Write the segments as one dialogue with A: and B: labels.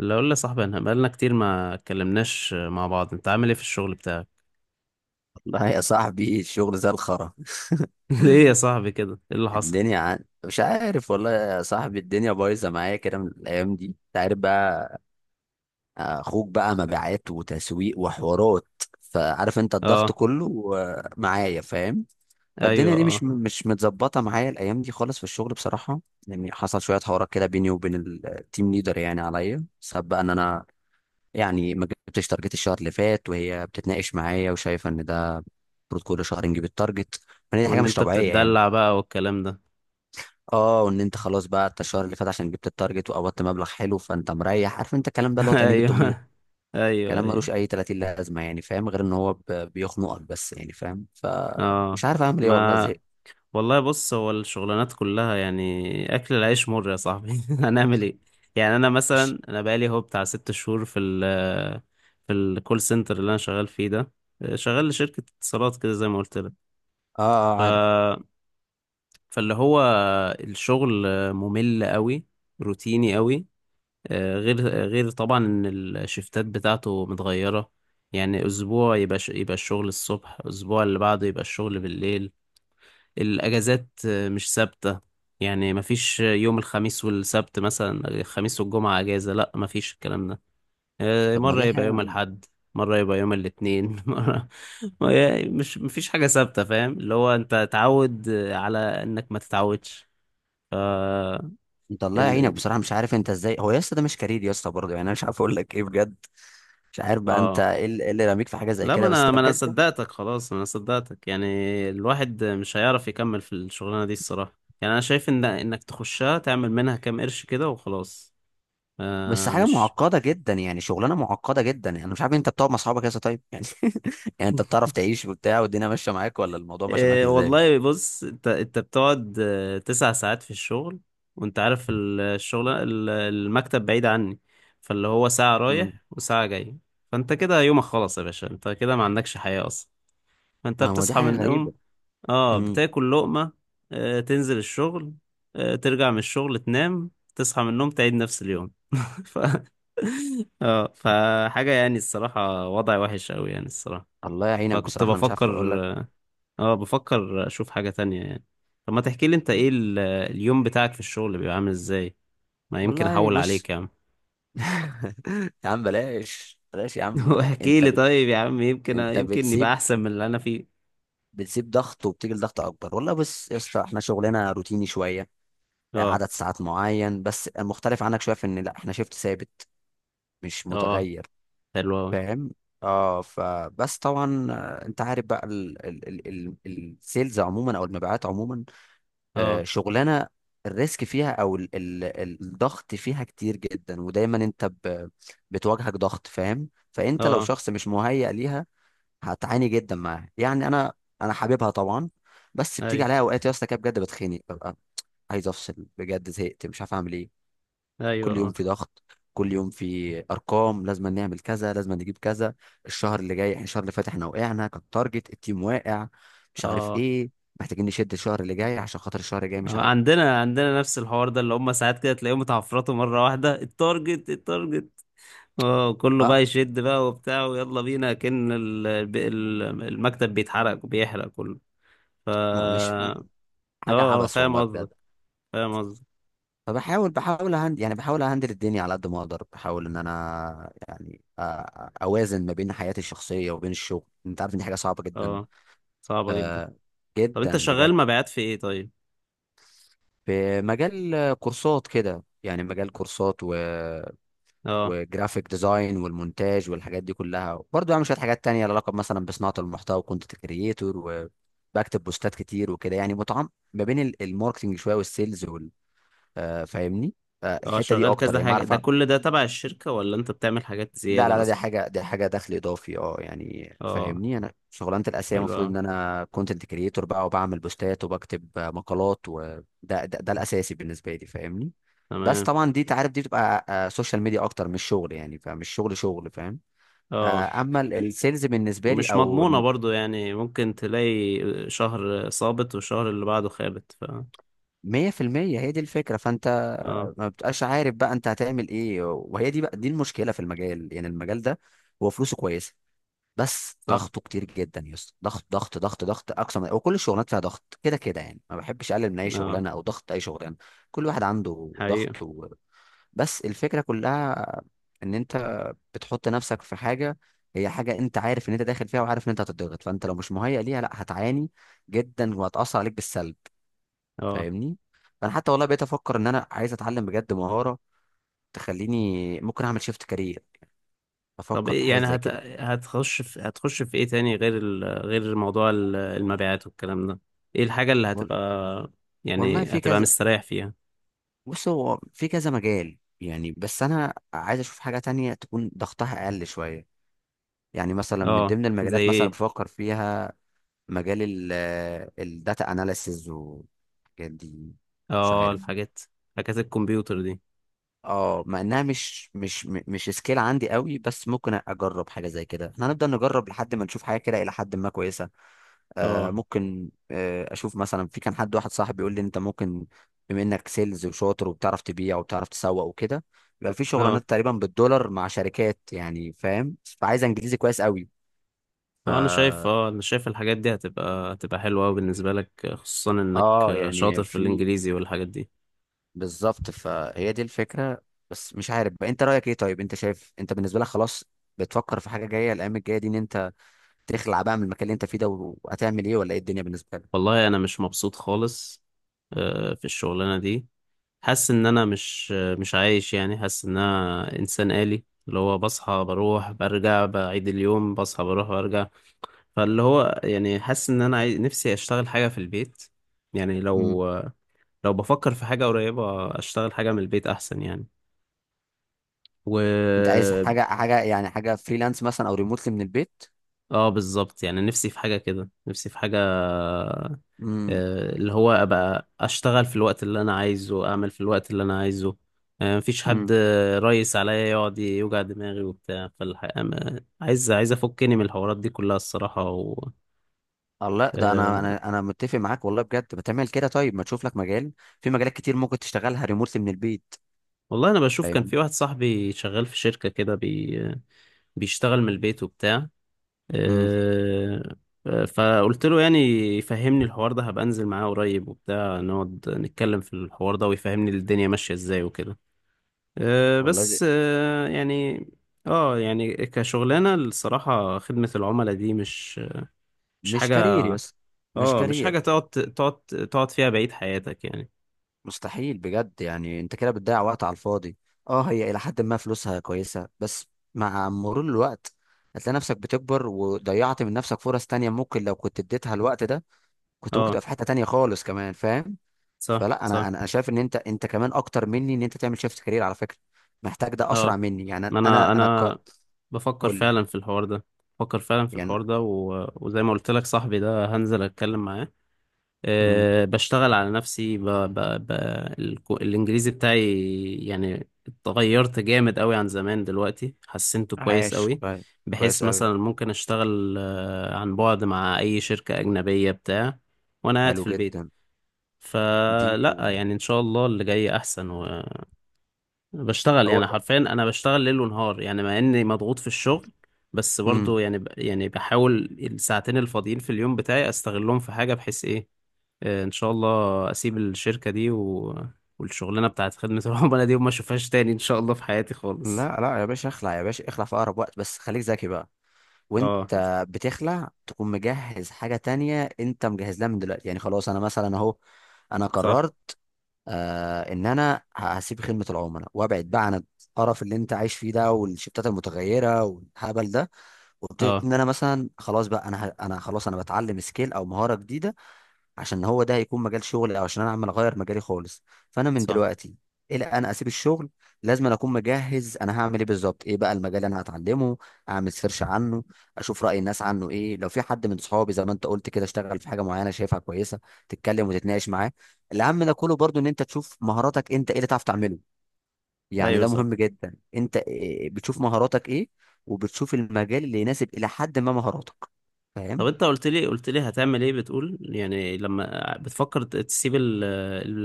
A: اللي اقول لي صاحبي، انا بقالنا كتير ما اتكلمناش مع بعض. انت عامل ايه في الشغل بتاعك؟
B: لا، يا صاحبي الشغل زي الخرا.
A: ليه يا صاحبي كده، ايه اللي حصل؟
B: مش عارف والله يا صاحبي، الدنيا بايظه معايا كده من الايام دي، انت عارف بقى. اخوك بقى مبيعات وتسويق وحوارات، فعارف انت الضغط
A: اه،
B: كله، معايا؟ فاهم. فالدنيا
A: ايوه
B: دي مش
A: اه.
B: مش متظبطه معايا الايام دي خالص في الشغل بصراحه. يعني حصل شويه حوارات كده بيني وبين التيم ليدر، يعني عليا سبب بقى ان انا يعني ما جبتش تارجت الشهر اللي فات، وهي بتتناقش معايا وشايفه ان ده المفروض كل شهر نجيب التارجت، فدي حاجه
A: وان
B: مش
A: انت
B: طبيعيه يعني.
A: بتتدلع بقى والكلام ده؟
B: اه، وان انت خلاص بقى، انت الشهر اللي فات عشان جبت التارجت وقبضت مبلغ حلو فانت مريح، عارف انت الكلام ده اللي هو تأنيب الضمير.
A: ايوه، ايوه،
B: كلام
A: ايوه
B: ملوش اي 30 لازمه يعني، فاهم؟ غير ان هو بيخنقك بس، يعني فاهم،
A: اه.
B: فمش عارف اعمل ايه والله،
A: ما
B: زهقت.
A: والله بص، هو الشغلانات كلها يعني اكل العيش مر يا صاحبي. هنعمل ايه؟ يعني انا
B: مش-
A: مثلا انا بقالي هو بتاع 6 شهور في ال في الكول سنتر اللي انا شغال فيه ده، شغال لشركة اتصالات كده زي ما قلت
B: اه، اه عارف.
A: لك. فاللي هو الشغل ممل قوي، روتيني قوي، غير غير طبعا ان الشفتات بتاعته متغيرة. يعني اسبوع يبقى يبقى الشغل الصبح، اسبوع اللي بعده يبقى الشغل بالليل. الاجازات مش ثابتة، يعني مفيش يوم الخميس والسبت مثلا، الخميس والجمعة اجازة، لا، مفيش الكلام ده.
B: طب ما
A: مرة
B: دي
A: يبقى يوم
B: حاجه.
A: الاحد، مرة يبقى يوم الاثنين، مرة ما هي مش، مفيش حاجة ثابتة، فاهم؟ اللي هو انت تعود على انك ما تتعودش. آه.
B: انت الله
A: ال...
B: يعينك
A: ال-
B: بصراحه، مش عارف انت ازاي هو يا اسطى، ده مش كارير يا اسطى برضه، يعني انا مش عارف اقول لك ايه بجد. مش عارف بقى انت
A: اه،
B: ايه اللي إيه اللي راميك في حاجه زي
A: لا، ما
B: كده، بس
A: انا
B: ده
A: ما انا
B: بجد.
A: صدقتك خلاص، انا صدقتك يعني. الواحد مش هيعرف يكمل في الشغلانه دي الصراحه. يعني انا شايف ان انك تخشها، تعمل منها كام قرش كده وخلاص.
B: بس
A: آه
B: حاجه
A: مش
B: معقده جدا يعني، شغلانه معقده جدا يعني، انا مش عارف انت بتقعد مع اصحابك كده طيب يعني؟ يعني انت بتعرف تعيش وبتاع، والدنيا ماشيه معاك ولا الموضوع ماشي معاك
A: إيه
B: ازاي؟
A: والله بص، انت بتقعد 9 ساعات في الشغل، وانت عارف الشغل المكتب بعيد عني، فاللي هو ساعة
B: امم.
A: رايح وساعة جاي، فانت كده يومك خلص يا باشا، انت كده ما عندكش حياة. فانت
B: ما هو دي
A: بتصحى من
B: حاجه غريبه.
A: النوم، اه،
B: امم.
A: بتاكل لقمة، آه، تنزل الشغل، آه، ترجع من الشغل، تنام، تصحى من النوم، تعيد نفس اليوم. ف... اه، فحاجة يعني الصراحة وضع وحش قوي يعني الصراحة.
B: الله يعينك
A: فكنت
B: بصراحه، انا مش
A: بفكر،
B: عارف اقول لك.
A: اه، بفكر اشوف حاجة تانية يعني. طب ما تحكي لي انت ايه اليوم بتاعك في الشغل بيبقى عامل ازاي؟ ما يمكن
B: والله
A: احول
B: بص.
A: عليك يا عم.
B: يا عم بلاش، بلاش يا عم.
A: واحكي
B: انت
A: لي
B: بت...
A: طيب يا عم، يمكن
B: انت
A: يمكن يبقى
B: بتسيب
A: احسن من اللي انا فيه.
B: بتسيب ضغط وبتيجي لضغط اكبر. والله بص يا اسطى، احنا شغلنا روتيني شويه،
A: اه
B: عدد ساعات معين، بس المختلف عنك شويه في ان لا، احنا شيفت ثابت مش
A: اه،
B: متغير،
A: حلو قوي.
B: فاهم؟ اه، فبس طبعا، انت عارف بقى السيلز عموما او المبيعات عموما،
A: اه
B: شغلانه الريسك فيها او الضغط فيها كتير جدا، ودايما انت بتواجهك ضغط، فاهم؟ فانت لو
A: اه،
B: شخص مش مهيأ ليها هتعاني جدا معاها يعني. انا حاببها طبعا، بس بتيجي
A: ايوه
B: عليها اوقات يا اسطى كده بجد بتخنق، ببقى عايز افصل بجد، زهقت مش عارف اعمل ايه. كل يوم
A: ايوه
B: في ضغط، كل يوم في ارقام، لازم نعمل كذا، لازم نجيب كذا. الشهر اللي فات احنا وقعنا، كان تارجت التيم واقع، مش عارف
A: اه.
B: ايه، محتاجين نشد الشهر اللي جاي عشان خاطر الشهر الجاي، مش عارف.
A: عندنا عندنا نفس الحوار ده، اللي هم ساعات كده تلاقيهم اتعفرطوا مره واحده، التارجت التارجت، اه، كله بقى
B: اه.
A: يشد بقى وبتاع ويلا بينا، كأن المكتب بيتحرق وبيحرق كله. ف
B: ما مش
A: اه
B: حاجه
A: آه،
B: عبث
A: فاهم
B: والله
A: قصدك،
B: بجد.
A: فاهم قصدك.
B: فبحاول بحاول هند يعني بحاول اهندل الدنيا على قد ما اقدر، بحاول ان انا يعني اوازن ما بين حياتي الشخصيه وبين الشغل، انت عارف ان دي حاجه صعبه جدا.
A: اه، صعبه جدا.
B: آه،
A: طب انت
B: جدا بجد.
A: شغال مبيعات في ايه طيب؟
B: في مجال كورسات كده يعني، مجال كورسات و
A: اه
B: وجرافيك ديزاين والمونتاج والحاجات دي كلها، برضه بعمل شويه حاجات تانية لها علاقه مثلا بصناعه المحتوى وكونتنت كريتور، وبكتب بوستات كتير وكده، يعني متعم ما بين الماركتنج شويه والسيلز وال آه، فاهمني؟
A: اه،
B: الحته دي
A: شغال
B: اكتر
A: كذا
B: يعني،
A: حاجه،
B: بعرف
A: ده كل ده تبع الشركه ولا انت بتعمل حاجات
B: لا
A: زياده
B: لا لا، دي
A: مثلا؟
B: حاجه دي حاجه دخل اضافي، اه يعني
A: اه،
B: فاهمني. انا شغلانتي الاساسيه
A: حلو
B: المفروض
A: أوي.
B: ان انا كونتنت كريتور بقى، وبعمل بوستات وبكتب مقالات، وده ده, ده الاساسي بالنسبه لي، فاهمني؟ بس
A: تمام.
B: طبعا دي، تعرف، دي بتبقى سوشيال ميديا اكتر، مش شغل يعني، فمش شغل، فاهم؟
A: اه،
B: اما السيلز بالنسبه لي
A: ومش
B: او
A: مضمونة برضو يعني، ممكن تلاقي شهر صابت والشهر اللي بعده خابت. ف
B: 100% هي دي الفكره. فانت
A: اه،
B: ما بتبقاش عارف بقى انت هتعمل ايه، وهي دي بقى دي المشكله في المجال يعني، المجال ده هو فلوسه كويسه، بس
A: صح.
B: ضغطه كتير جدا يا اسطى، ضغط ضغط ضغط ضغط، اقصى من وكل الشغلانات فيها ضغط كده كده يعني، ما بحبش اقلل من اي
A: اه،
B: شغلانه او ضغط اي شغلانه، كل واحد عنده
A: حقيقة.
B: ضغط بس الفكره كلها ان انت بتحط نفسك في حاجه، هي حاجه انت عارف ان انت داخل فيها، وعارف ان انت هتضغط، فانت لو مش مهيئ ليها لا، هتعاني جدا وهتاثر عليك بالسلب،
A: اه،
B: فاهمني؟ فانا حتى والله بقيت افكر ان انا عايز اتعلم بجد مهاره تخليني ممكن اعمل شيفت كارير،
A: طب
B: افكر في
A: ايه
B: حاجه
A: يعني
B: زي كده.
A: هتخش في ايه تاني غير غير موضوع المبيعات والكلام ده؟ ايه الحاجة اللي
B: وال-
A: هتبقى
B: والله
A: يعني
B: في
A: هتبقى
B: كذا،
A: مستريح فيها؟
B: بص هو في كذا مجال يعني، بس انا عايز اشوف حاجه تانية تكون ضغطها اقل شويه، يعني مثلا من
A: اه،
B: ضمن
A: زي
B: المجالات مثلا
A: ايه؟
B: بفكر فيها مجال الداتا اناليسز والحاجات دي، مش
A: اه،
B: عارف.
A: الحاجات، حاجات الكمبيوتر دي.
B: اه، مع انها مش سكيل عندي قوي، بس ممكن اجرب حاجه زي كده، احنا هنفضل نجرب لحد ما نشوف حاجه كده الى حد ما كويسه. آه
A: اه
B: ممكن، اشوف مثلا. في كان حد واحد صاحبي بيقول لي انت ممكن بما انك سيلز وشاطر وبتعرف تبيع وبتعرف تسوق وكده، يبقى في شغلانات
A: اه،
B: تقريبا بالدولار مع شركات يعني، فاهم؟ فعايز انجليزي كويس قوي. ف
A: اه انا شايف، اه انا شايف الحاجات دي هتبقى هتبقى حلوة أوي بالنسبة لك، خصوصا انك
B: اه يعني
A: شاطر في
B: في
A: الانجليزي والحاجات دي.
B: بالظبط، فهي دي الفكره. بس مش عارف بقى انت رايك ايه طيب، انت شايف، انت بالنسبه لك خلاص بتفكر في حاجه جايه الايام الجايه دي ان انت تخلع بقى من المكان اللي انت فيه ده، وهتعمل ايه، ولا ايه الدنيا بالنسبه لك؟
A: والله انا مش مبسوط خالص في الشغلانه دي. حاسس ان انا مش مش عايش يعني، حاسس ان انا انسان آلي، اللي هو بصحى، بروح، برجع، بعيد اليوم، بصحى، بروح، برجع. فاللي هو يعني حاسس ان انا نفسي اشتغل حاجه في البيت. يعني
B: امم.
A: لو لو بفكر في حاجه قريبه، اشتغل حاجه من البيت احسن يعني. و
B: انت عايز حاجه يعني، حاجه فريلانس مثلا او ريموتلي من البيت؟
A: اه، بالظبط، يعني نفسي في حاجه كده، نفسي في حاجه
B: امم.
A: اللي هو ابقى اشتغل في الوقت اللي انا عايزه، اعمل في الوقت اللي انا عايزه، مفيش حد
B: امم.
A: ريس عليا يقعد يوجع دماغي وبتاع. فالحقيقة عايز افكني من الحوارات دي كلها الصراحة
B: الله، ده انا
A: آه،
B: انا متفق معاك والله بجد، ما تعمل كده طيب، ما تشوف لك مجال. في مجالات كتير ممكن تشتغلها ريموتلي من البيت،
A: والله انا بشوف كان
B: فاهم؟
A: في واحد صاحبي شغال في شركة كده بيشتغل من البيت وبتاع.
B: امم.
A: آه، آه، فقلت له يعني يفهمني الحوار ده، هبقى انزل معاه قريب وبتاع، نقعد نتكلم في الحوار ده، ويفهمني الدنيا ماشية ازاي وكده. أه،
B: والله ده
A: بس أه، يعني اه يعني كشغلانة الصراحة، خدمة العملاء دي مش مش
B: مش كارير
A: حاجة.
B: يا اسطى، مش
A: اه، مش
B: كارير.
A: حاجة تقعد تقعد تقعد فيها بقية حياتك يعني.
B: مستحيل بجد يعني، انت كده بتضيع وقت على الفاضي. اه، هي الى حد ما فلوسها كويسة، بس مع مرور الوقت هتلاقي نفسك بتكبر وضيعت من نفسك فرص تانية، ممكن لو كنت اديتها الوقت ده كنت ممكن
A: اه،
B: تبقى في حتة تانية خالص كمان، فاهم؟
A: صح
B: فلا،
A: صح.
B: انا انا أنا شايف ان انت، انت كمان اكتر مني، ان انت تعمل شيفت كارير على فكرة، محتاج ده
A: اه،
B: اسرع مني يعني.
A: ما انا انا بفكر
B: قول لي
A: فعلا في الحوار ده، بفكر فعلا في
B: يعني.
A: الحوار ده، وزي ما قلت لك، صاحبي ده هنزل اتكلم معاه.
B: امم.
A: أه بشتغل على نفسي، ب... الإنجليزي بتاعي يعني اتغيرت جامد قوي عن زمان، دلوقتي حسنته كويس
B: عايش
A: قوي،
B: طيب.
A: بحيث
B: كويس قوي.
A: مثلا ممكن أشتغل عن بعد مع أي شركة أجنبية بتاع وأنا قاعد
B: حلو
A: في البيت.
B: جدا. دي
A: فلا يعني إن شاء الله اللي جاي أحسن. وبشتغل
B: هو
A: يعني
B: ده.
A: حرفيا، أنا بشتغل ليل ونهار يعني، مع إني مضغوط في الشغل، بس
B: امم.
A: برضو يعني يعني بحاول الساعتين الفاضيين في اليوم بتاعي أستغلهم في حاجة، بحيث إيه ان شاء الله اسيب الشركة دي والشغلانة بتاعت خدمة العملاء دي وما اشوفهاش تاني ان شاء الله في حياتي خالص.
B: لا لا، يا باشا اخلع، يا باشا اخلع في اقرب وقت، بس خليك ذكي بقى.
A: اه
B: وانت بتخلع تكون مجهز حاجة تانية انت مجهز لها من دلوقتي، يعني خلاص. انا مثلا اهو، انا
A: صح،
B: قررت، ان انا هسيب خدمة العملاء وابعد بقى عن القرف اللي انت عايش فيه ده، والشفتات المتغيرة والهبل ده، وابتدي
A: اه
B: ان انا مثلا خلاص بقى، انا خلاص، انا بتعلم سكيل او مهارة جديدة عشان هو ده هيكون مجال شغلي، او عشان انا عمال اغير مجالي خالص. فانا من
A: صح،
B: دلوقتي الى انا اسيب الشغل، لازم أنا اكون مجهز انا هعمل ايه بالظبط، ايه بقى المجال اللي انا هتعلمه، اعمل سيرش عنه، اشوف راي الناس عنه ايه، لو في حد من صحابي زي ما انت قلت كده اشتغل في حاجه معينه شايفها كويسه، تتكلم وتتناقش معاه. الاهم ده كله برضو ان انت تشوف مهاراتك انت ايه اللي تعرف تعمله، يعني
A: ايوه
B: ده
A: صح.
B: مهم جدا. انت إيه- إيه، بتشوف مهاراتك ايه، وبتشوف المجال اللي يناسب الى حد ما مهاراتك،
A: طب
B: فاهم؟
A: انت قلت لي، قلت لي هتعمل ايه؟ بتقول يعني لما بتفكر تسيب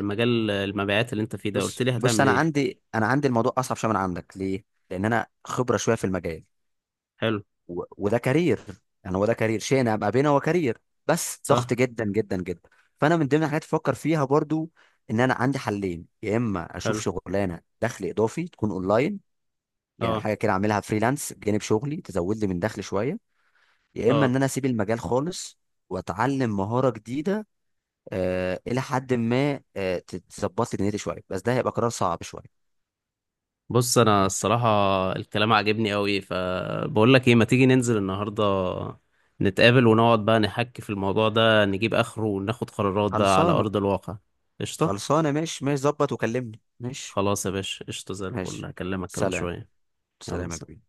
A: المجال المبيعات اللي انت فيه ده، قلت
B: بص
A: لي
B: بص
A: هتعمل
B: انا
A: ايه؟
B: عندي، الموضوع اصعب شويه من عندك، ليه؟ لان انا خبره شويه في المجال،
A: حلو.
B: وده كارير، يعني هو ده كارير، شيء انا ابقى بينه هو كارير، بس
A: صح.
B: ضغط جدا جدا جدا. فانا من ضمن الحاجات اللي بفكر فيها برضو ان انا عندي حلين، يا اما اشوف
A: حلو.
B: شغلانه دخل اضافي تكون اونلاين، يعني
A: اه
B: حاجه كده اعملها فريلانس بجانب شغلي تزود لي من دخل شويه، يا اما
A: اه،
B: ان انا اسيب المجال خالص واتعلم مهاره جديده، آه الى حد ما آه تظبط لي دنيتي شويه، بس ده هيبقى قرار صعب شويه
A: بص انا
B: يعني.
A: الصراحه الكلام عجبني قوي، فبقول لك ايه، ما تيجي ننزل النهارده نتقابل، ونقعد بقى نحكي في الموضوع ده، نجيب اخره وناخد قرارات بقى على
B: خلصانه،
A: ارض الواقع. قشطه.
B: خلصانه، ماشي ماشي، ظبط وكلمني. ماشي
A: خلاص يا باشا، قشطه زي الفل،
B: ماشي.
A: هكلمك كمان
B: سلام.
A: شويه. يلا
B: سلام يا كبير.
A: سلام.